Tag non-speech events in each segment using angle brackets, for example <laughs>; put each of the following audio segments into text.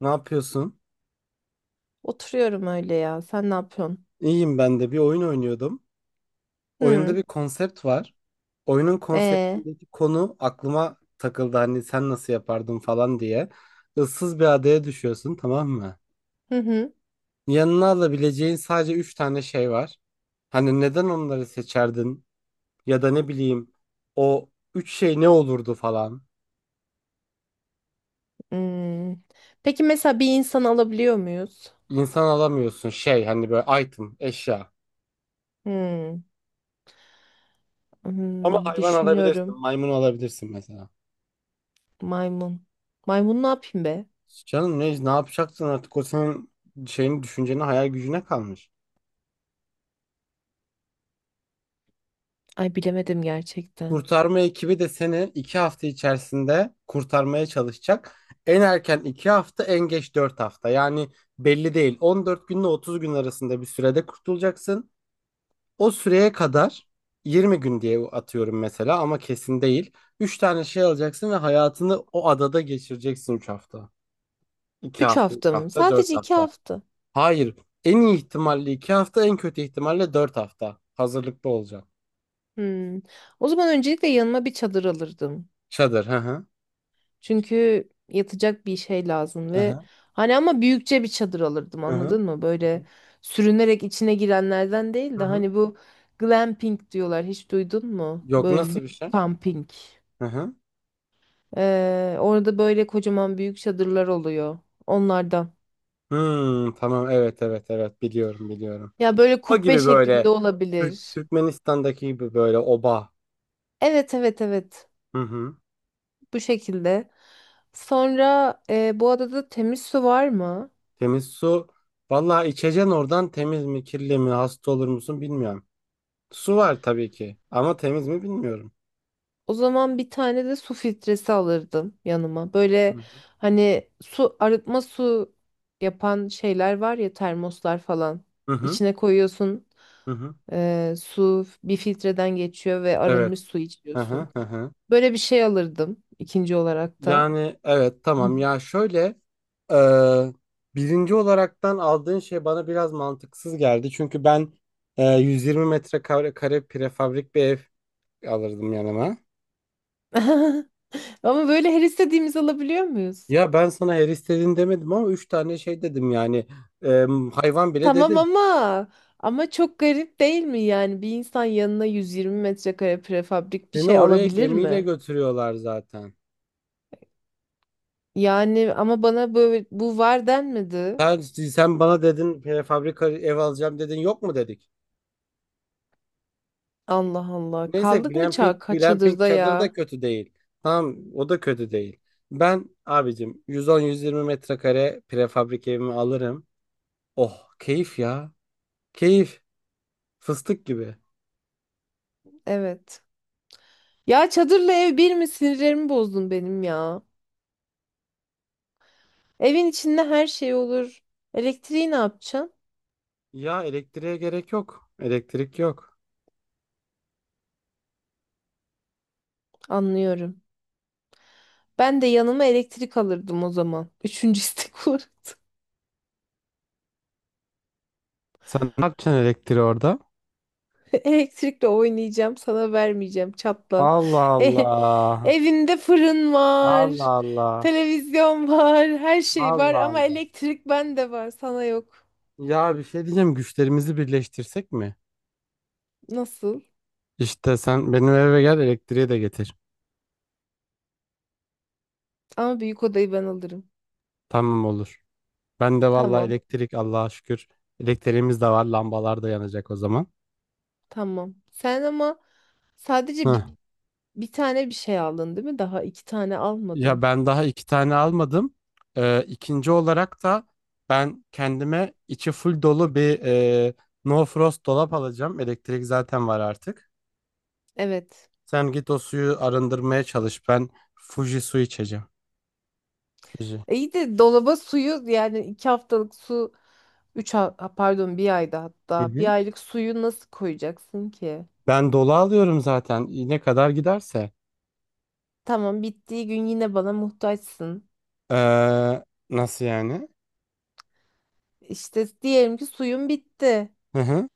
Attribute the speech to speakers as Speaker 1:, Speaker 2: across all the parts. Speaker 1: Ne yapıyorsun?
Speaker 2: Oturuyorum öyle ya. Sen ne yapıyorsun?
Speaker 1: İyiyim ben de. Bir oyun oynuyordum. Oyunda
Speaker 2: Hı.
Speaker 1: bir konsept var. Oyunun
Speaker 2: E.
Speaker 1: konseptindeki konu aklıma takıldı. Hani sen nasıl yapardın falan diye. Issız bir adaya düşüyorsun, tamam mı?
Speaker 2: Hı hı.
Speaker 1: Yanına alabileceğin sadece 3 tane şey var. Hani neden onları seçerdin? Ya da ne bileyim o 3 şey ne olurdu falan.
Speaker 2: Hmm. Peki mesela bir insan alabiliyor muyuz?
Speaker 1: İnsan alamıyorsun şey hani böyle item, eşya.
Speaker 2: Hmm.
Speaker 1: Ama
Speaker 2: Hmm.
Speaker 1: hayvan alabilirsin,
Speaker 2: Düşünüyorum.
Speaker 1: maymun alabilirsin mesela.
Speaker 2: Maymun. Maymun ne yapayım be?
Speaker 1: Canım ne yapacaksın artık o senin şeyin düşüncene hayal gücüne kalmış.
Speaker 2: Ay bilemedim gerçekten.
Speaker 1: Kurtarma ekibi de seni iki hafta içerisinde kurtarmaya çalışacak. En erken iki hafta en geç dört hafta yani belli değil 14 günle 30 gün arasında bir sürede kurtulacaksın. O süreye kadar 20 gün diye atıyorum mesela ama kesin değil. Üç tane şey alacaksın ve hayatını o adada geçireceksin 3 hafta. 2
Speaker 2: Üç
Speaker 1: hafta, 3
Speaker 2: hafta mı?
Speaker 1: hafta, 4
Speaker 2: Sadece iki
Speaker 1: hafta.
Speaker 2: hafta.
Speaker 1: Hayır. En iyi ihtimalle iki hafta, en kötü ihtimalle dört hafta. Hazırlıklı olacağım.
Speaker 2: Hmm. O zaman öncelikle yanıma bir çadır alırdım.
Speaker 1: Çadır. Hı hı.
Speaker 2: Çünkü yatacak bir şey lazım
Speaker 1: Hı
Speaker 2: ve
Speaker 1: hı.
Speaker 2: hani ama büyükçe bir çadır alırdım,
Speaker 1: Hı hı.
Speaker 2: anladın mı? Böyle sürünerek içine girenlerden değil
Speaker 1: Hı
Speaker 2: de
Speaker 1: hı.
Speaker 2: hani bu glamping diyorlar, hiç duydun mu?
Speaker 1: Yok,
Speaker 2: Böyle
Speaker 1: nasıl
Speaker 2: lüks
Speaker 1: bir şey?
Speaker 2: camping.
Speaker 1: Hı hı.
Speaker 2: Orada böyle kocaman büyük çadırlar oluyor onlardan.
Speaker 1: Hmm, tamam, evet evet evet biliyorum biliyorum.
Speaker 2: Ya böyle
Speaker 1: O
Speaker 2: kubbe
Speaker 1: gibi
Speaker 2: şeklinde
Speaker 1: böyle
Speaker 2: olabilir.
Speaker 1: Türkmenistan'daki gibi böyle oba.
Speaker 2: Evet evet evet,
Speaker 1: Hı hı.
Speaker 2: bu şekilde. Sonra bu adada temiz su var mı?
Speaker 1: Temiz su. Vallahi içeceksin oradan, temiz mi kirli mi hasta olur musun bilmiyorum. Su var tabii ki, ama temiz mi bilmiyorum.
Speaker 2: O zaman bir tane de su filtresi alırdım yanıma.
Speaker 1: Hı
Speaker 2: Böyle
Speaker 1: hı.
Speaker 2: hani su arıtma, su yapan şeyler var ya, termoslar falan.
Speaker 1: Hı hı.
Speaker 2: İçine koyuyorsun
Speaker 1: Hı hı.
Speaker 2: su bir filtreden geçiyor ve
Speaker 1: Evet.
Speaker 2: arınmış su
Speaker 1: Hı hı.
Speaker 2: içiyorsun.
Speaker 1: Hı hı.
Speaker 2: Böyle bir şey alırdım ikinci olarak da.
Speaker 1: Yani evet,
Speaker 2: Hı.
Speaker 1: tamam ya, şöyle e, birinci olaraktan aldığın şey bana biraz mantıksız geldi. Çünkü ben 120 metrekare kare prefabrik bir ev alırdım yanıma.
Speaker 2: <laughs> Ama böyle her istediğimizi alabiliyor muyuz?
Speaker 1: Ya ben sana her istediğin demedim, ama 3 tane şey dedim yani. E, hayvan bile
Speaker 2: Tamam
Speaker 1: dedim.
Speaker 2: ama ama çok garip değil mi, yani bir insan yanına 120 metrekare prefabrik bir
Speaker 1: Seni
Speaker 2: şey
Speaker 1: oraya
Speaker 2: alabilir
Speaker 1: gemiyle
Speaker 2: mi?
Speaker 1: götürüyorlar zaten.
Speaker 2: Yani ama bana böyle bu var denmedi.
Speaker 1: Sen bana dedin prefabrik ev alacağım, dedin yok mu dedik.
Speaker 2: Allah Allah.
Speaker 1: Neyse,
Speaker 2: Kaldık mı
Speaker 1: glamping
Speaker 2: çadırda
Speaker 1: çadır da
Speaker 2: ya?
Speaker 1: kötü değil. Tamam, o da kötü değil. Ben abicim 110-120 metrekare prefabrik evimi alırım. Oh, keyif ya. Keyif. Fıstık gibi.
Speaker 2: Evet. Ya çadırla ev bir mi? Sinirlerimi bozdun benim ya. Evin içinde her şey olur. Elektriği ne yapacaksın?
Speaker 1: Ya elektriğe gerek yok. Elektrik yok.
Speaker 2: Anlıyorum. Ben de yanıma elektrik alırdım o zaman. <laughs> Üçüncü istek olur.
Speaker 1: Sen ne yapacaksın elektriği orada?
Speaker 2: <laughs> Elektrikle oynayacağım, sana vermeyeceğim. Çatla.
Speaker 1: Allah
Speaker 2: E-
Speaker 1: Allah.
Speaker 2: Evinde fırın var.
Speaker 1: Allah Allah.
Speaker 2: Televizyon var. Her şey var
Speaker 1: Allah
Speaker 2: ama
Speaker 1: Allah.
Speaker 2: elektrik bende var, sana yok.
Speaker 1: Ya bir şey diyeceğim, güçlerimizi birleştirsek mi?
Speaker 2: Nasıl?
Speaker 1: İşte sen benim eve gel, elektriği de getir.
Speaker 2: Ama büyük odayı ben alırım.
Speaker 1: Tamam, olur. Ben de vallahi
Speaker 2: Tamam.
Speaker 1: elektrik Allah'a şükür. Elektriğimiz de var. Lambalar da yanacak o zaman.
Speaker 2: Tamam. Sen ama sadece
Speaker 1: Heh.
Speaker 2: bir, bir tane bir şey aldın değil mi? Daha iki tane
Speaker 1: Ya
Speaker 2: almadın.
Speaker 1: ben daha iki tane almadım. İkinci olarak da ben kendime içi full dolu bir no frost dolap alacağım. Elektrik zaten var artık.
Speaker 2: Evet.
Speaker 1: Sen git o suyu arındırmaya çalış. Ben Fuji su içeceğim. Fuji.
Speaker 2: İyi de dolaba suyu, yani 2 haftalık su ha, pardon, bir ayda
Speaker 1: Hı
Speaker 2: hatta
Speaker 1: hı.
Speaker 2: bir aylık suyu nasıl koyacaksın ki?
Speaker 1: Ben dolu alıyorum zaten. Ne kadar giderse.
Speaker 2: Tamam, bittiği gün yine bana muhtaçsın.
Speaker 1: Ee, nasıl yani?
Speaker 2: İşte diyelim ki suyun bitti.
Speaker 1: Hı hı.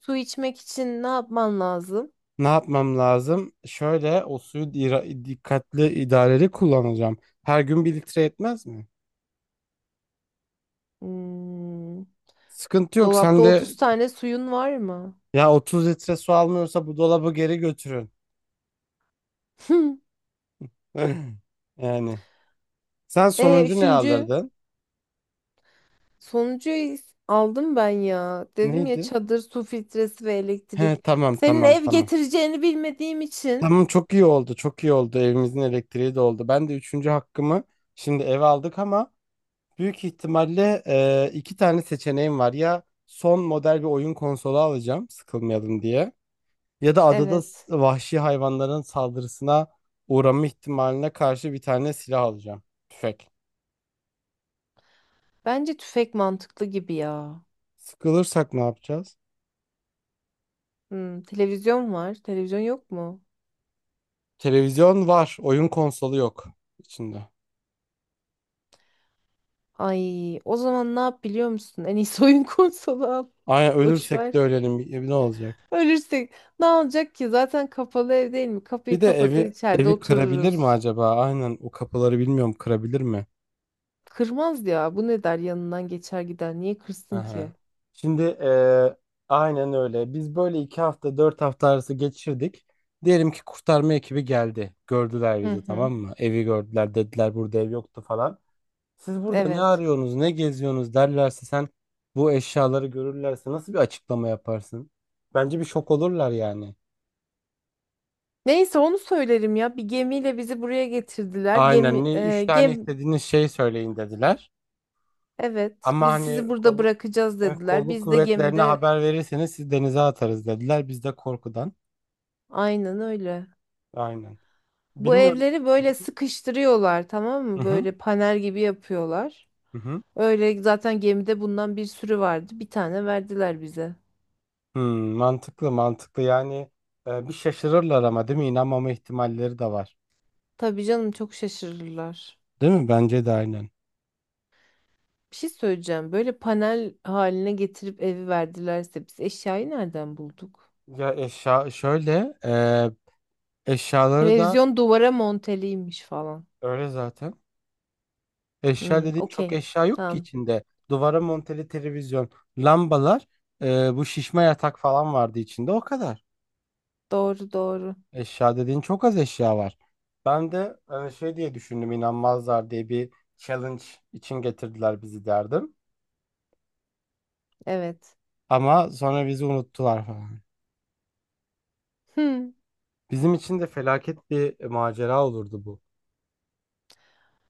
Speaker 2: Su içmek için ne yapman lazım?
Speaker 1: Ne yapmam lazım? Şöyle, o suyu dikkatli idareli kullanacağım. Her gün bir litre yetmez mi?
Speaker 2: Hmm.
Speaker 1: Sıkıntı yok. Sen
Speaker 2: Dolapta
Speaker 1: de
Speaker 2: 30 tane suyun var mı?
Speaker 1: ya, 30 litre su almıyorsa bu dolabı geri götürün.
Speaker 2: <laughs>
Speaker 1: <clears throat> <laughs> Yani. Sen sonuncu ne
Speaker 2: Üçüncü
Speaker 1: alırdın?
Speaker 2: sonucu aldım ben ya. Dedim ya,
Speaker 1: Neydi?
Speaker 2: çadır, su filtresi ve
Speaker 1: He,
Speaker 2: elektrik.
Speaker 1: tamam
Speaker 2: Senin
Speaker 1: tamam
Speaker 2: ev
Speaker 1: tamam.
Speaker 2: getireceğini bilmediğim için.
Speaker 1: Tamam, çok iyi oldu çok iyi oldu. Evimizin elektriği de oldu. Ben de üçüncü hakkımı şimdi eve aldık ama büyük ihtimalle iki tane seçeneğim var. Ya son model bir oyun konsolu alacağım sıkılmayalım diye, ya da adada
Speaker 2: Evet.
Speaker 1: vahşi hayvanların saldırısına uğrama ihtimaline karşı bir tane silah alacağım. Tüfek.
Speaker 2: Bence tüfek mantıklı gibi ya.
Speaker 1: Sıkılırsak ne yapacağız?
Speaker 2: Hmm, televizyon var. Televizyon yok mu?
Speaker 1: Televizyon var, oyun konsolu yok içinde.
Speaker 2: Ay, o zaman ne yap biliyor musun? En iyisi oyun <laughs> konsolu al.
Speaker 1: Aynen,
Speaker 2: Boş
Speaker 1: ölürsek de
Speaker 2: ver.
Speaker 1: ölelim. Ne olacak?
Speaker 2: Ölürsek ne olacak ki? Zaten kapalı ev değil mi? Kapıyı
Speaker 1: Bir de
Speaker 2: kapatır,
Speaker 1: evi
Speaker 2: içeride
Speaker 1: evi kırabilir mi
Speaker 2: otururuz.
Speaker 1: acaba? Aynen, o kapıları bilmiyorum kırabilir mi?
Speaker 2: Kırmaz ya. Bu ne der, yanından geçer gider. Niye kırsın
Speaker 1: Aha.
Speaker 2: ki?
Speaker 1: Şimdi aynen öyle. Biz böyle iki hafta dört hafta arası geçirdik. Diyelim ki kurtarma ekibi geldi. Gördüler
Speaker 2: Hı
Speaker 1: bizi,
Speaker 2: hı.
Speaker 1: tamam mı? Evi gördüler, dediler burada ev yoktu falan. Siz burada ne
Speaker 2: Evet.
Speaker 1: arıyorsunuz, ne geziyorsunuz derlerse, sen bu eşyaları görürlerse nasıl bir açıklama yaparsın? Bence bir şok olurlar yani.
Speaker 2: Neyse, onu söylerim ya. Bir gemiyle bizi buraya getirdiler.
Speaker 1: Aynen,
Speaker 2: Gemi,
Speaker 1: ne üç tane istediğiniz şey söyleyin dediler.
Speaker 2: evet.
Speaker 1: Ama
Speaker 2: Biz
Speaker 1: hani
Speaker 2: sizi burada bırakacağız dediler.
Speaker 1: kolluk
Speaker 2: Biz de
Speaker 1: kuvvetlerine
Speaker 2: gemide
Speaker 1: haber verirseniz siz denize atarız dediler. Biz de korkudan.
Speaker 2: aynen öyle.
Speaker 1: Aynen.
Speaker 2: Bu
Speaker 1: Bilmiyorum.
Speaker 2: evleri böyle sıkıştırıyorlar, tamam
Speaker 1: Hı
Speaker 2: mı?
Speaker 1: hı.
Speaker 2: Böyle panel gibi yapıyorlar.
Speaker 1: Hı hı.
Speaker 2: Öyle zaten, gemide bundan bir sürü vardı. Bir tane verdiler bize.
Speaker 1: Hmm, mantıklı mantıklı yani. Bir şaşırırlar ama değil mi? İnanmama ihtimalleri de var.
Speaker 2: Tabii canım, çok şaşırırlar.
Speaker 1: Değil mi? Bence de aynen.
Speaker 2: Bir şey söyleyeceğim. Böyle panel haline getirip evi verdilerse biz eşyayı nereden bulduk?
Speaker 1: Ya eşya şöyle Eşyaları da
Speaker 2: Televizyon duvara monteliymiş falan.
Speaker 1: öyle zaten. Eşya
Speaker 2: Hmm,
Speaker 1: dediğin çok
Speaker 2: okey.
Speaker 1: eşya yok ki
Speaker 2: Tamam.
Speaker 1: içinde. Duvara monteli televizyon, lambalar, bu şişme yatak falan vardı içinde, o kadar.
Speaker 2: Doğru doğru.
Speaker 1: Eşya dediğin çok az eşya var. Ben de şey diye düşündüm, inanmazlar diye bir challenge için getirdiler bizi derdim.
Speaker 2: Evet.
Speaker 1: Ama sonra bizi unuttular falan.
Speaker 2: Hmm,
Speaker 1: Bizim için de felaket bir macera olurdu bu.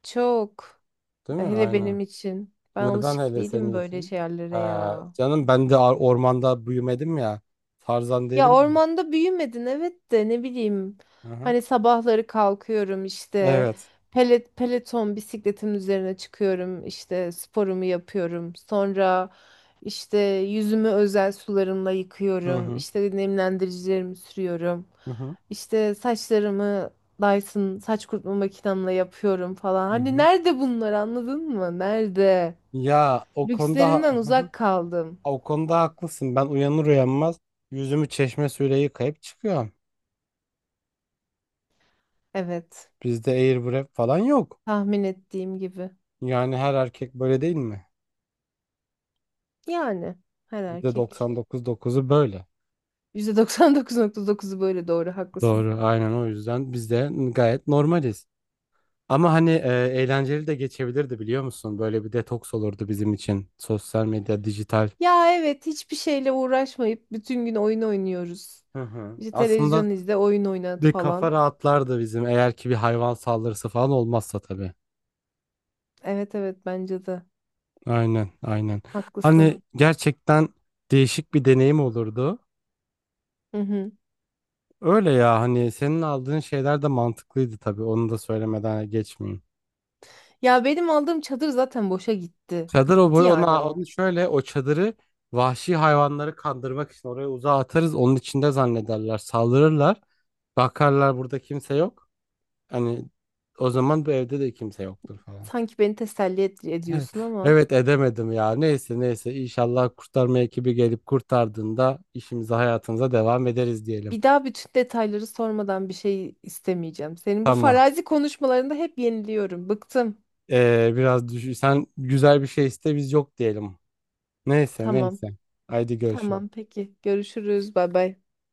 Speaker 2: çok.
Speaker 1: Değil mi? Evet.
Speaker 2: Hele benim
Speaker 1: Aynen.
Speaker 2: için. Ben
Speaker 1: Neden
Speaker 2: alışık
Speaker 1: hele
Speaker 2: değilim
Speaker 1: senin
Speaker 2: böyle
Speaker 1: için?
Speaker 2: şeylere
Speaker 1: Ha,
Speaker 2: ya.
Speaker 1: canım ben de ormanda büyümedim ya. Tarzan
Speaker 2: Ya
Speaker 1: derim.
Speaker 2: ormanda büyümedin, evet, de ne bileyim.
Speaker 1: Hı hı.
Speaker 2: Hani sabahları kalkıyorum işte
Speaker 1: Evet.
Speaker 2: peloton bisikletin üzerine çıkıyorum, işte sporumu yapıyorum. Sonra işte yüzümü özel sularımla
Speaker 1: Hı
Speaker 2: yıkıyorum.
Speaker 1: hı.
Speaker 2: İşte nemlendiricilerimi sürüyorum.
Speaker 1: Hı hı.
Speaker 2: İşte saçlarımı Dyson saç kurutma makinemle yapıyorum falan.
Speaker 1: Hı
Speaker 2: Hani
Speaker 1: hı.
Speaker 2: nerede bunlar, anladın mı? Nerede?
Speaker 1: Ya o konuda
Speaker 2: Lükslerimden
Speaker 1: hı hı.
Speaker 2: uzak kaldım.
Speaker 1: O konuda haklısın. Ben uyanır uyanmaz yüzümü çeşme suyuyla yıkayıp çıkıyorum.
Speaker 2: Evet,
Speaker 1: Bizde airwrap falan yok.
Speaker 2: tahmin ettiğim gibi.
Speaker 1: Yani her erkek böyle değil mi?
Speaker 2: Yani her
Speaker 1: Bizde
Speaker 2: erkek.
Speaker 1: doksan dokuz dokuzu böyle.
Speaker 2: %99,9'u böyle, doğru, haklısın.
Speaker 1: Doğru. Aynen, o yüzden biz de gayet normaliz. Ama hani eğlenceli de geçebilirdi biliyor musun? Böyle bir detoks olurdu bizim için. Sosyal medya, dijital.
Speaker 2: Ya evet, hiçbir şeyle uğraşmayıp bütün gün oyun oynuyoruz.
Speaker 1: Hı hı.
Speaker 2: İşte
Speaker 1: Aslında,
Speaker 2: televizyon izle, oyun oynat
Speaker 1: Bir kafa
Speaker 2: falan.
Speaker 1: rahatlardı bizim eğer ki bir hayvan saldırısı falan olmazsa tabii.
Speaker 2: Evet evet, bence de
Speaker 1: Aynen, aynen. Hani
Speaker 2: haklısın.
Speaker 1: gerçekten değişik bir deneyim olurdu.
Speaker 2: Hı hı.
Speaker 1: Öyle ya, hani senin aldığın şeyler de mantıklıydı tabii. Onu da söylemeden geçmeyeyim.
Speaker 2: Ya benim aldığım çadır zaten boşa gitti.
Speaker 1: Çadır o
Speaker 2: Gitti
Speaker 1: boy,
Speaker 2: yani
Speaker 1: ona
Speaker 2: o.
Speaker 1: onu şöyle, o çadırı vahşi hayvanları kandırmak için oraya uzağa atarız. Onun içinde zannederler, saldırırlar. Bakarlar burada kimse yok. Hani o zaman bu evde de kimse yoktur falan.
Speaker 2: Sanki beni teselli ediyorsun
Speaker 1: <laughs>
Speaker 2: ama
Speaker 1: Evet, edemedim ya. Neyse neyse, inşallah kurtarma ekibi gelip kurtardığında işimize hayatımıza devam ederiz diyelim.
Speaker 2: bir daha bütün detayları sormadan bir şey istemeyeceğim. Senin bu
Speaker 1: Tamam.
Speaker 2: farazi konuşmalarında hep yeniliyorum. Bıktım.
Speaker 1: Biraz düşün. Sen güzel bir şey iste, biz yok diyelim. Neyse
Speaker 2: Tamam.
Speaker 1: neyse. Haydi görüşürüz.
Speaker 2: Tamam peki. Görüşürüz. Bay bay.